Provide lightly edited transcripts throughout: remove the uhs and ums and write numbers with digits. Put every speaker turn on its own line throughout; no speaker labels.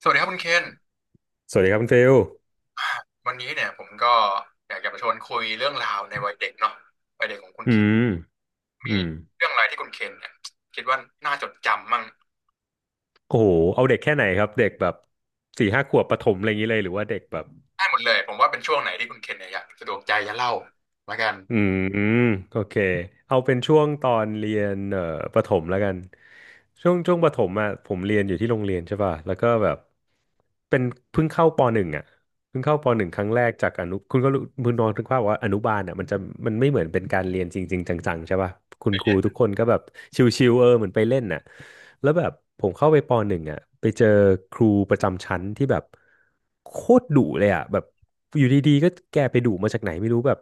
สวัสดีครับคุณเคน
สวัสดีครับคุณฟิล
วันนี้เนี่ยผมก็อยากจะมาชวนคุยเรื่องราวในวัยเด็กเนาะวัยเด็กของคุณ
อื
เคน
มอื
มี
ม
เรื่องอะไรที่คุณเคนเนี่ยคิดว่าน่าจดจำมั่ง
โอ้โห เอาเด็กแค่ไหนครับ เด็กแบบสี่ห้าขวบประถมอะไรอย่างนี้เลยหรือว่าเด็กแบบ
ได้หมดเลยผมว่าเป็นช่วงไหนที่คุณเคนเนี่ยอยากสะดวกใจจะเล่าละกัน
อืมอืมโอเค เอาเป็นช่วงตอนเรียนประถมแล้วกัน ช่วงประถมอ่ะผมเรียนอยู่ที่โรงเรียนใช่ป่ะ แล้วก็แบบเป็นเพิ่งเข้าปหนึ่งอ่ะ เพิ่งเข้าปหนึ่งครั้งแรกจากอนุคุณก็รู้คุณนองนึกภาพว่าอนุบาลอ่ะมันจะมันไม่เหมือนเป็นการเรียนจริงๆจังๆใช่ป่ะคุณ
เป็น
ครู
เรื่อง
ทุกคนก็แบบชิวๆเออเหมือนไปเล่นน่ะแล้วแบบผมเข้าไปปหนึ่งอ่ะไปเจอครูประจำชั้นที่แบบโคตรดุเลยอ่ะแบบอยู่ดีๆก็แกไปดุมาจากไหนไม่รู้แบบ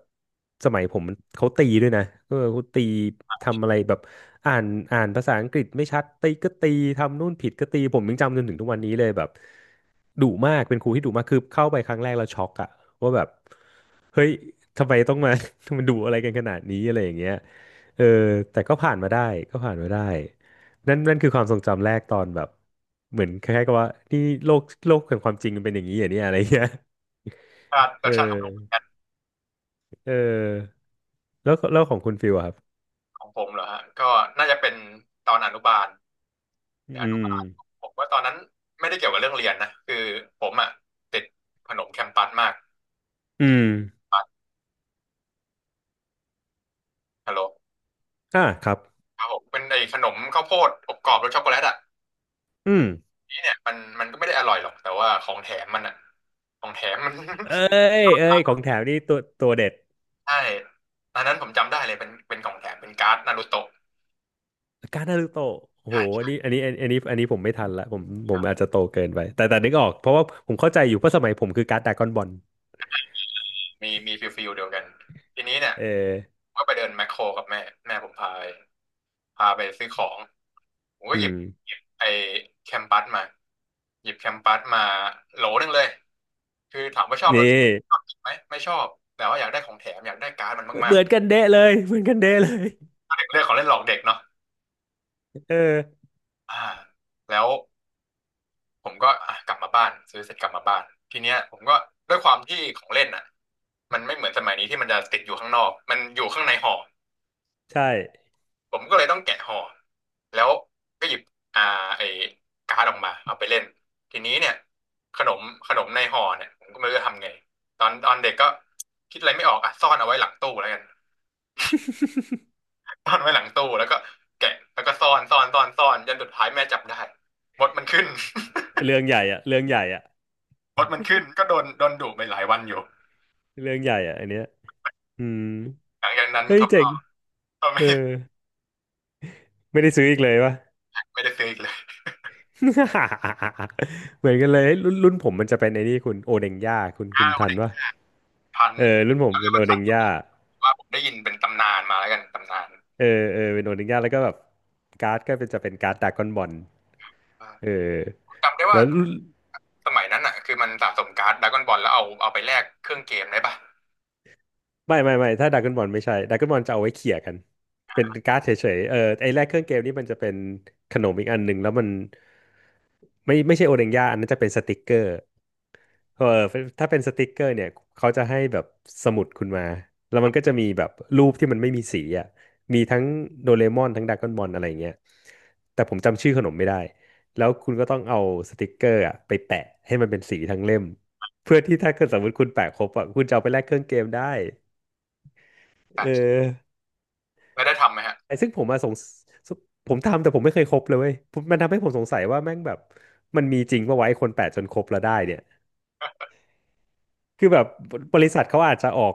สมัยผมมันเขาตีด้วยนะเออเขาตีทำอะไรแบบอ่านอ่านภาษาอังกฤษไม่ชัดตีก็ตีทำนู่นผิดก็ตีผมยังจำจนถึงทุกวันนี้เลยแบบ ดุมากเป็นครูที่ดุมากคือเข้าไปครั้งแรกเราวช็อกอะว่าแบบเฮ้ยทำไมต้องมา มันดุอะไรกันขนาดนี้อะไรอย่างเงี้ยเออแต่ก็ผ่านมาได้ก็ผ่านมาได้นั่นคือความทรงจำแรกตอนแบบเหมือนคล้ายๆกับว่านี่โลกแห่งความจริงมันเป็นอย่างนี้อย่างนี้อะไรเงี้ย
ชาติป
เอ
ระชาติของผ
อ
ม
เออแล้วของคุณฟิลอะครับ
ของผมเหรอฮะก็น่าจะเป็นตอนอนุบาล
อื
อนุ
ม
บาลผมว่าตอนนั้นไม่ได้เกี่ยวกับเรื่องเรียนนะคือผมอ่ะติดขนมแคมปัสมาก
อืม
ปัสฮัลโหล
อ่าครับ
ครับผมเป็นไอ้ขนมข้าวโพดอบกรอบรสช็อกโกแลตอ่ะ
อืม
นี่เนี่ยมันก็ไม่ได้อร่อยหรอกแต่ว่าของแถมมันอะของแถมมัน
เอ้ เอ้ยของแถมนี่ตัวเด็ด
ใช่ตอนนั้นผมจำได้เลยเป็นของแถมเป็นการ์ดนารูโตะ
การ์ดนารูโตะโอ้
ใช
โหอั
่
นนี้อันนี้อันนี้อันนี้ผมไม่ทันละผมผมอาจจะโตเกินไป แต่นึกออก เพราะว่าผมเข้าใจอยู่เพราะสมัยผมคือการ์ดดราก้อนบอล
มีฟิลเดียวกันทีนี้เนี่ย
เออ
ก็ไปเดินแมคโครกับแม่แม่ผมพาไปพาไปซื้อของผมก็
อื
หยิบ
ม
หยิบไอ้แคมปัสมาหยิบแคมปัสมาโหลหนึงเลยคือถามว่าชอบร
นี่
สชาติชอบกินไหมไม่ชอบแต่ว่าอยากได้ของแถมอยากได้การ์ดมันมา
เห
ก
มือนกันเดะเลยเหมือนกันเดะเลย
ๆเด็กเรื่องของเล่นหลอกเด็กเนาะ
เออ
อ่าแล้ว ผมก็อ่ะกลับมาบ้านซื้อเสร็จกลับมาบ้านทีเนี้ยผมก็ด้วยความที่ของเล่นอ่ะมันไม่เหมือนสมัยนี้ที่มันจะติดอยู่ข้างนอกมันอยู่ข้างในห่อ
ใช่
ผมก็เลยต้องแกะห่อแล้วก็หยิบอ่าไอ้การ์ดออกมาเอาไปเล่นทีนี้เนี่ยขนมขนมในห่อเนี่ยผมก็ไม่รู้จะทำไงตอนเด็กก็คิดอะไรไม่ออกอ่ะซ่อนเอาไว้หลังตู้แล้วกัน ซ่อนไว้หลังตู้แล้วก็แกะแล้วก็ซ่อนซ่อนซ่อนซ่อนจนสุดท้ายแม่จับได้มดมันขึ้น
เรื่องใหญ่อะเรื่องใหญ่อะ
มดมันขึ้นก็โดนดุไปหลายวันอยู่
เรื่องใหญ่อะอันเนี้ยอืม
หลังจากนั้น
เฮ้ย
เขา
เจ๋
ก็
ง
ก็
เอ
ไม่
อไม่ได้ซื้ออีกเลยวะ
ไม่ได้ซื้ออีกเลย
เหมือนกันเลยรุ่นผมมันจะเป็นไอ้นี่คุณโอเดงย่าคุณคุ
ห้า
ณ
วั
ทั
น
น
เด็ก
ปะ
พัน
เออรุ่นผม
แล้ว
เป็น
ก็
โอเด
พัน
งย่า
ว่าผมได้ยินเป็นตำนานมาแล้วกันตำนาน
เออเออเป็นโอนิงยาแล้วก็แบบการ์ดก็เป็นจะเป็นการ์ดดาก้อนบอล
ว่า
เออ
จำได้ว่า
แล้ว
สมัยนั้นอ่ะคือมันสะสมการ์ดดราก้อนบอลแล้วเอาเอาไปแลกเครื่องเกมได้ปะ
ไม่ถ้าดาก้อนบอลไม่ใช่ดาก้อนบอลจะเอาไว้เขี่ยกันเป็นการ์ดเฉยๆเออไอ้แรกเครื่องเกมนี่มันจะเป็นขนมอีกอันหนึ่งแล้วมันไม่ใช่โอนิงยาอันนั้นจะเป็นสติกเกอร์ เออถ้าเป็นสติกเกอร์เนี่ยเขาจะให้แบบสมุดคุณมาแล้วมันก็จะมีแบบรูปที่มันไม่มีสีอ่ะมีทั้งโดเรมอนทั้งดราก้อนบอลอะไรอย่างเงี้ยแต่ผมจำชื่อขนมไม่ได้แล้วคุณก็ต้องเอาสติกเกอร์อ่ะไปแปะให้มันเป็นสีทั้งเล่มเพื่อที่ถ้าเกิดสมมติคุณแปะครบอ่ะคุณจะเอาไปแลกเครื่องเกมได้เอ
ใช่
อ
ไม่ได้ทำไหมฮะ
ไอ้ซึ่งผมมาสงสสผมทำแต่ผมไม่เคยครบเลยเว้ยผมมันทำให้ผมสงสัยว่าแม่งแบบมันมีจริงปะวะไอ้คนแปะจนครบแล้วได้เนี่ย คือแบบบริษัทเขาอาจจะออก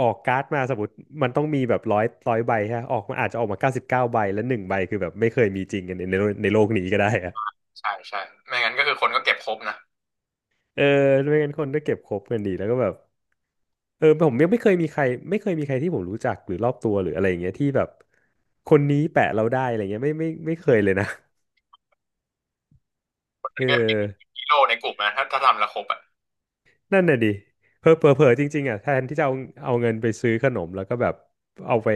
ออกการ์ดมาสมมติมันต้องมีแบบร้อยใบฮะออกมาอาจจะออกมาเก้าสิบเก้าใบแล้วหนึ่งใบคือแบบไม่เคยมีจริงกันในโลกในโลกนี้ก็ได้อะ
ใช่ใช่ไม่งั้นก็คือคนก็เก็บครบนะ
เออไม่งั้นคนก็เก็บครบกันดีแล้วก็แบบเออผมยังไม่เคยมีใครไม่เคยมีใครที่ผมรู้จักหรือรอบตัวหรืออะไรอย่างเงี้ยที่แบบคนนี้แปะเราได้อะไรเงี้ยไม่เคยเลยนะ
มันก็
เอ
ยัมเป็
อ
นฮีโร่ในกลุ่มนะถ้าทำและครบอ่ะ
นั่นน่ะดิเผลอจริงๆอ่ะแทนที่จะเอาเอาเงินไปซื้อขนมแล้วก็แบบเอาไป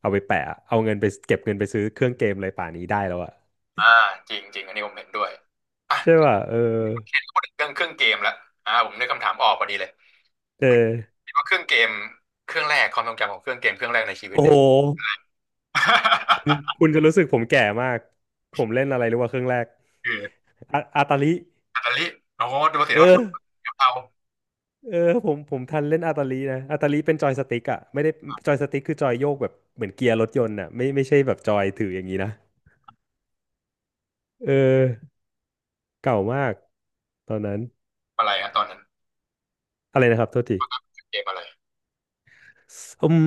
เอาไปแปะเอาเงินไปเก็บเงินไปซื้อเครื่องเกมอะไรป่านนี้ได้แล้วอะ
อ่าจริงจริงอันนี้ผมเห็นด้วยอ่ะ
ใช่ป่ะเออ
พูดถึงเรื่องเครื่องเกมแล้วอ่าผมนึกคำถามออกพอดีเลย
เออ
ว่าเครื่องเกมเครื่องแรกความทรงจำของเครื่องเกมเครื่องแรกในชีวิต
โอ้
เนี่ย
โหคุณ จะรู้สึกผมแก่มากผมเล่นอะไรรู้ว่าเครื่องแรก
คือ
อาตาลิ
อิตาลีโอ้โหดูสิ
เอ
เรา
อ
ทำกะเพรา
เออผมทันเล่นอาตาลีนะอาตาลีเป็นจอยสติ๊กอ่ะไม่ได้จอยสติ๊กคือจอยโยกแบบเหมือนเกียร์รถยนต์อ่ะไม่ใช่แบบจอยถืออย่างนี้นะเออเก่ามากตอนนั้น
อะไรฮะตอนนั้น
อะไรนะครับโทษที
เกมอะไร
อืม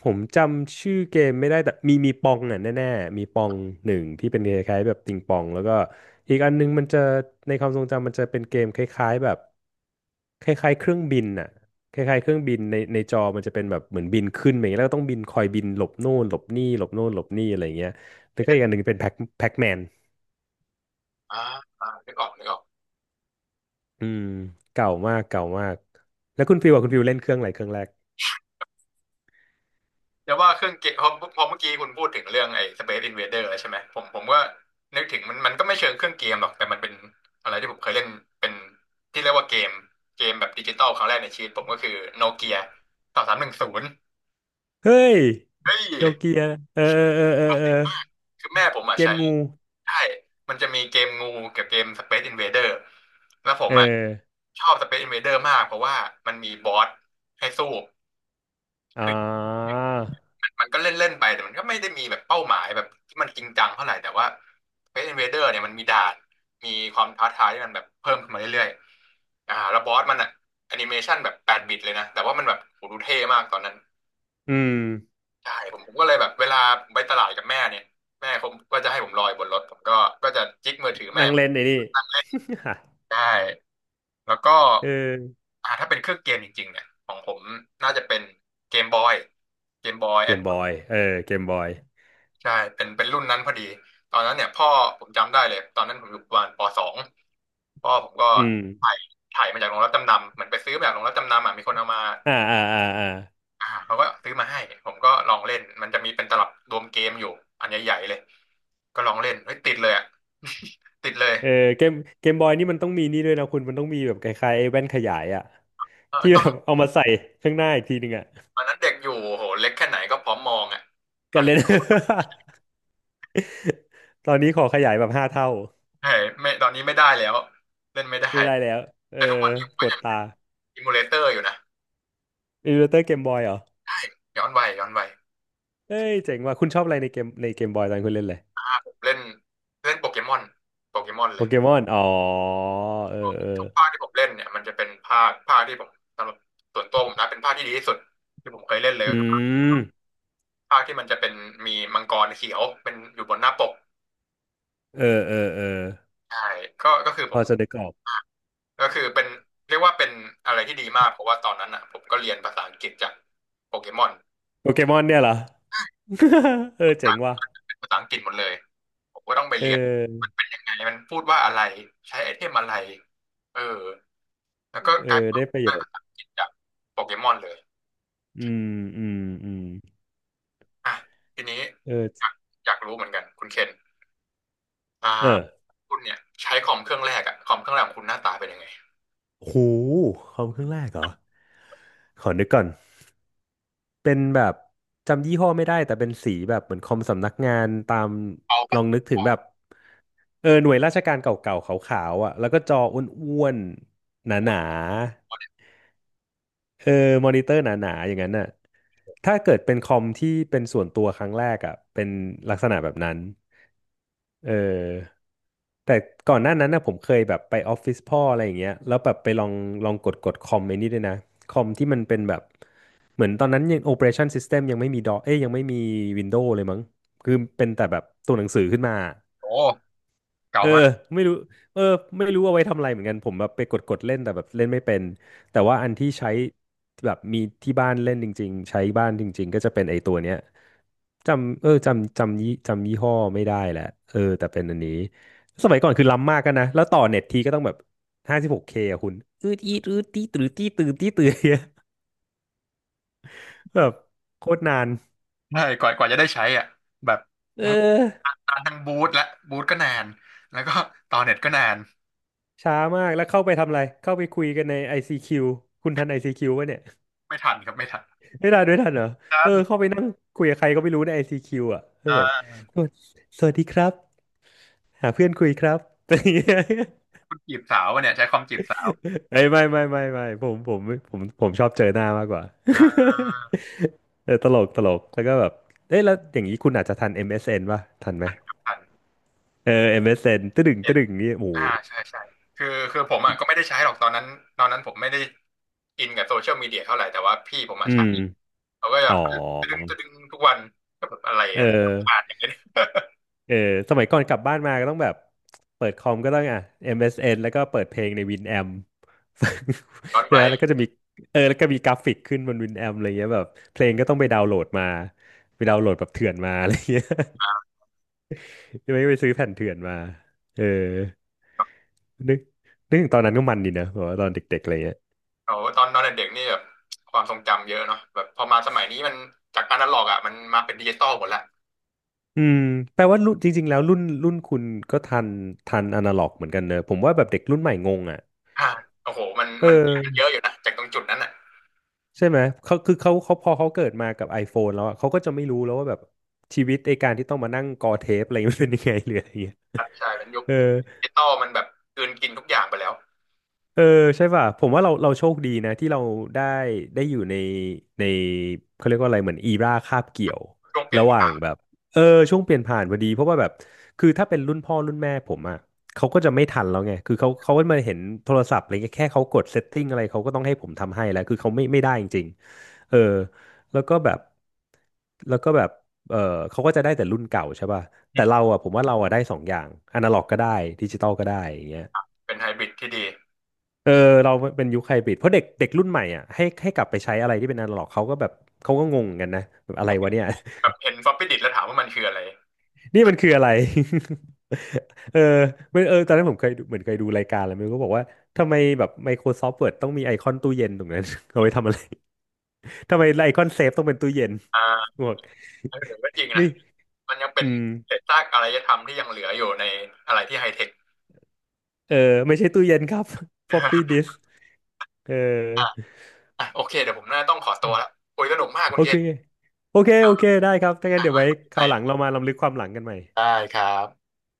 ผมจำชื่อเกมไม่ได้แต่มีปองอ่ะแน่ๆมีปองหนึ่งที่เป็นคล้ายๆแบบติงปองแล้วก็อีกอันนึงมันจะในความทรงจำมันจะเป็นเกมคล้ายๆแบบคล้ายๆเครื่องบินอ่ะคล้ายๆเครื่องบินในจอมันจะเป็นแบบเหมือนบินขึ้นไปอย่างเงี้ยแล้วก็ต้องบินคอยบินหลบโน่นหลบนี่หลบโน่นหลบนี่อะไรอย่างเงี้ยแล้วก็อีกอันหนึ่งเป็นแพ็คแมน
อ่าอ่านึกออกนึกออก
อืมเก่ามากเก่ามากแล้วคุณฟิวอ่ะคุณฟิวเล่นเครื่องอะไรเครื่องแรก
แต่ยว่าเครื่องเกมพอเมื่อกี้คุณพูดถึงเรื่องไอ้ Space Invader แล้วใช่ไหมผมก็นึกถึงมันมันก็ไม่เชิงเครื่องเกมหรอกแต่มันเป็นอะไรที่ผมเคยเล่นเป็นที่เรียกว่าเกมเกมแบบดิจิตอลครั้งแรกในชีวิตผมก็คือโนเกีย2310
เฮ้ย
เฮ้ย
โนเกียเออเออเออเออเออ
คือแม่ผมอ่ะ
เก
ใช้
มงู
ใช่มันจะมีเกมงูกับเกม Space Invader แล้วผม
เออ
อ่ะชอบ Space Invader มากเพราะว่ามันมีบอสให้สู้
อ๋อ
มันก็เล่นเล่นไปแต่มันก็ไม่ได้มีแบบเป้าหมายแบบที่มันจริงจังเท่าไหร่แต่ว่า Space Invader เนี่ยมันมีด่านมีความท้าทายที่มันแบบเพิ่มขึ้นมาเรื่อยๆอ่าแล้วบอสมันอะแอนิเมชันแบบ8 บิตเลยนะแต่ว่ามันแบบโหดูเท่มากตอนนั้น
อืม
ใช่ผมก็เลยแบบเวลาไปตลาดกับแม่เนี่ยแม่เขาก็จะให้ผมลอยบนรถผมก็ก็จะจิกมือถือแม่
นั่งเล่นไอ้นี่
นั่งเล่นได้แล้วก็
เออ
อ่าถ้าเป็นเครื่องเกมจริงๆเนี่ยของผมน่าจะเป็นเกมบอยเกมบอย
เก
แอด
มบอยเออเกมบอย
ใช่เป็นรุ่นนั้นพอดี ตอนนั้นเนี่ยพ่อผมจำได้เลย ตอนนั้นผมอยู่ประมาณป.2พ่อผมก็
อืม
ถ่ายถ่ายมาจากโรงรับจำนำ เหมือนไปซื้อมาจากโรงรับจำนำอ่ะมีคนเอามา
อ่าอ่าอ่าอ่า
อ่าเขาก็ซื้อมาให้ ผมก็ลองเล่น มันจะมีเป็นตลับรวมเกมอยู่ อันใหญ่ๆเลย ก็ลองเล่นเฮ้ยติดเลยอ่ะ ติดเลย
เออเกม เกมบอยนี่มันต้องมีนี่ด้วยนะคุณ มันต้องมีแบบคล้ายๆไอ้แว่นขยายอะ
เออ
ที่
ต
แบ
อน
บเอามาใส่ข้างหน้าอีกทีหนึ่งอะ
ตอนนั้นเด็กอยู่โหเล็กแค่ไหนก็พร้อมมองอ่ะตอ
กั
น
น
นี้
เล่น ตอนนี้ขอขยายแบบห้าเท่า
เฮ้ยไม่ตอนนี้ไม่ได้แล้วเล่นไม่ได้
ไม่ได้แล้ว เออ
แต่ทุกวันนี้ผม
ป
ก็
วด
ยัง
ตา
อิมูเลเตอร์อยู่นะ
อิลลูเตอร์เกมบอยเหรอ
ย้อนวัยย้อนวัย
เอ้ย เจ๋งว่ะคุณชอบอะไรในเกมในเกมบอยตอนคุณเล่นเลย
เล่นเล่นโปเกมอนโปเกมอน
โป
เลย
เกมอนอ๋อเออเออ
ทุกภาคที่ผมเล่นเนี่ยมันจะเป็นภาคที่ผมสำหรับส่วนตัวผมนะเป็นภาคที่ดีที่สุดที่ผมเคยเล่นเลย
อื
ก็คือภาค
ม
ภาคที่มันจะเป็นมีมังกรเขียวเป็นอยู่บนหน้าปก
เออเออเออ
ใช่ก็คือผ
พอ
ม
จะได้กรอบ
ก็คือเป็นเรียกว่าเป็นอะไรที่ดีมากเพราะว่าตอนนั้นอ่ะผมก็เรียนภาษาอังกฤษจากโปเกมอน
โปเกมอนเนี่ยเหรอ เออเจ๋งว่ะ
เป็นภาษาอังกฤษหมดเลยผมก็ต้องไป
เอ
เรียน
อ
มันเป็นยังไงมันพูดว่าอะไรใช้ไอเทมอะไรเออแล้วก็
เอ
กลาย
อ
เป็นว่า
ได้ประโย
ได้
ช
ภา
น์
ษาอังกฤษจากโปเกมอนเลย
อืมอืมอืม
อ่ะทีนี้
เออ
อยากอยากรู้เหมือนกันคุณเคนอ่า
เออ
คุณเนี่ยใช้คอมเครื่องแรกอะคอมเครื่องแรกของคุณหน้าตาเป็นยังไง
หูคอมเครื่องแรกเหรอขอนึกก่อนเป็นแบบจำยี่ห้อไม่ได้แต่เป็นสีแบบเหมือนคอมสำนักงานตาม
เก่า
ล
ปะ
องนึกถึง
เก่า
แบบเออหน่วยราชการเก่าๆขาวๆอ่ะแล้วก็จออ้วนๆห
โคต
นา
รเก่าเล
ๆ
ย
เออมอนิเตอร์หนาๆอย่างนั้นน่ะถ้าเกิดเป็นคอมที่เป็นส่วนตัวครั้งแรกอ่ะเป็นลักษณะแบบนั้นเออแต่ก่อนหน้านั้นนะผมเคยแบบไปออฟฟิศพ่ออะไรอย่างเงี้ยแล้วแบบไปลองกดคอมไอ้นี่ด้วยนะคอมที่มันเป็นแบบเหมือนตอนนั้นยัง Operation System ยังไม่มีดอเอ้ยยังไม่มี Windows เลยมั้งคือเป็นแต่แบบตัวหนังสือขึ้นมา
โอ้เก่า
เออ
มาก
ไม่รู้เออไม่รู้เอาไว้ทำอะไรเหมือนกันผมแบบไปกดเล่นแต่แบบเล่นไม่เป็นแต่ว่าอันที่ใช้แบบมีที่บ้านเล่นจริงๆใช้บ้านจริงๆก็จะเป็นไอ้ตัวเนี้ยจำเออจำจำยี่จำยี่ห้อไม่ได้แหละเออแต่เป็นอันนี้สมัยก่อนคือล้ำมากกันนะแล้วต่อเน็ตทีก็ต้องแบบห้าสิบหกเคอะคุณอืดอีดอืดตีตื้อตีตื้อตีตื้อเนี่ย แบบโคตรนาน
ใช่กว่าจะได้ใช้อ่ะแบบ
เ
ทั้ง
ออ
นานทั้งบูทและบูทก็นานแล้วก็ต่อเน็ตก็นาน
ช้ามากแล้วเข้าไปทำอะไรเข้าไปคุยกันใน i ซ q ควคุณทันไอซีคิวป่ะเนี่ย
ไม่ทันครับไม่ทัน
ไม่ทันไม่ทันเหรอ
ทั
เออ
น
เข้าไปนั่งคุยกับใครก็ไม่รู้ใน ICQ อซีคิวอ่ะแล้ว
อ่
แบบ
า
สวัสดีครับหาเพื่อนคุยครับ อะไรอย่างเงี้ย
คุณจีบสาววะเนี่ยใช้คอมจีบสาว
เอ้ยไม่ผมชอบเจอหน้ามากกว่า
อ่า
เออตลกตลกแล้วก็แบบเอ้ยแล้วอย่างนี้คุณอาจจะทัน MSN ป่ะทันไหม
ทัน
เออ MSN ตึดึง
เอ็
ตึ
ด
ดึงนี่โอ้โห
อ่าใช่ใช่คือคือผมอ่ะก็ไม่ได้ใช้หรอกตอนนั้นตอนนั้นผมไม่ได้อินกับโซเชียลมีเดียเท่าไหร่แต่ว่าพี่ผมอ่ะ
อื
ใช้
ม
เขาก็แบ
อ๋อ
บตะดึงตะดึงทุกวันก็แบบอะไร
เออ
นะผ่านอย่างเงี้ย
เออสมัยก่อนกลับบ้านมาก็ต้องแบบเปิดคอมก็ต้องอ่ะ MSN แล้วก็เปิดเพลงใน Winamp
ย้อน
ใช่
ไป
ไหมแล้วก็จะมีเออแล้วก็มีกราฟิกขึ้นบน Winamp อะไรเงี้ยแบบเพลงก็ต้องไปดาวน์โหลดมาไปดาวน์โหลดแบบเถื่อนมาอะไรเงี้ยไม่ไปซื้อแผ่นเถื่อนมาเออนึกนึกถึงตอนนั้นก็มันดีนะแบบว่าตอนเด็กๆอะไรเงี้ย
เอาตอนตอนเด็กๆนี่แบบความทรงจำเยอะเนาะแบบพอมาสมัยนี้มันจากอนาล็อกอ่ะมันมาเป็นดิจิตอลหมดละ
อืมแปลว่ารุ่นจริงๆแล้วรุ่นคุณก็ทันทันอนาล็อกเหมือนกันเนอะผมว่าแบบเด็กรุ่นใหม่งงอ่ะ
อ่าโอ้โหมัน
เอ
มันเย
อ
อะอยู่นะจากตรงจุดนั้นอ่ะ
ใช่ไหมเขาคือเขาพอเขาเกิดมากับ iPhone แล้วอะเขาก็จะไม่รู้แล้วว่าแบบชีวิตไอการที่ต้องมานั่งกอเทปอะไรมันเป็นยังไง หรืออะไรเงี้ย
ครับใช่มันยุค
เออ
ดิจิตอลมันแบบกลืนกินทุกอย่างไปแล้ว
เออใช่ป่ะผมว่าเราโชคดีนะที่เราได้ได้อยู่ในเขาเรียกว่าอะไรเหมือนอีราคาบเกี่ยว
ช่วงเปลี่ย
ระ
น
หว่า
ผ่า
ง
น
แบบเออช่วงเปลี่ยนผ่านพอดีเพราะว่าแบบคือถ้าเป็นรุ่นพ่อรุ่นแม่ผมอ่ะเขาก็จะไม่ทันแล้วไงคือเขาก็มาเห็นโทรศัพท์อะไรเงี้ยแค่เขากดเซตติ้งอะไรเขาก็ต้องให้ผมทำให้แล้วคือเขาไม่ได้จริง เออแล้วก็แบบแล้วก็แบบเออเขาก็จะได้แต่รุ่นเก่าใช่ป่ะ
อื
แต่เรา
ม
อ่ะผมว่าเราอ่ะได้สองอย่างอนาล็อกก็ได้ดิจิตอลก็ได้อย่างเงี้ย
เป็นไฮบริดที่ดี
เออเราเป็นยุคไฮบริดเพราะเด็กเด็กรุ่นใหม่อ่ะให้กลับไปใช้อะไรที่เป็นอนาล็อกเขาก็แบบเขาก็งงกันนะแบบอะไรวะเนี่ย
แบบเห็นฟอปปี้ดิสแล้วถามว่ามันคืออะไร
นี่มันคืออะไร เออเออตอนนั้นผมเคยดูเหมือนเคยดูรายการแล้วมันก็บอกว่าทำไมแบบ Microsoft Word ต้องมีไอคอนตู้เย็นตรงนั้น เอาไว้ทำอะไร ทำไมไอคอนเซฟต้องเป็นตู้เย็น
อ่า
บอก
เออก็จริ งนะ
ไม่
มันยังเป็
อื
น
ม
เศษซากอารยธรรมที่ยังเหลืออยู่ในอะไรที่ไฮเทค
เออไม่ใช่ตู้เย็นครับ floppy disk เออ
อ่ะโอเคเดี๋ยวผมน่าต้องขอตัวแล้วโอ้ยสนุกมากคุ
โอ
ณเก
เค
ศ
โอเคได้ครับถ้างั้นเดี๋ยวไว้ค
ให
รา
ม่
วหลังเรามาลำลึกความหลังกันใหม่
ได้ครับ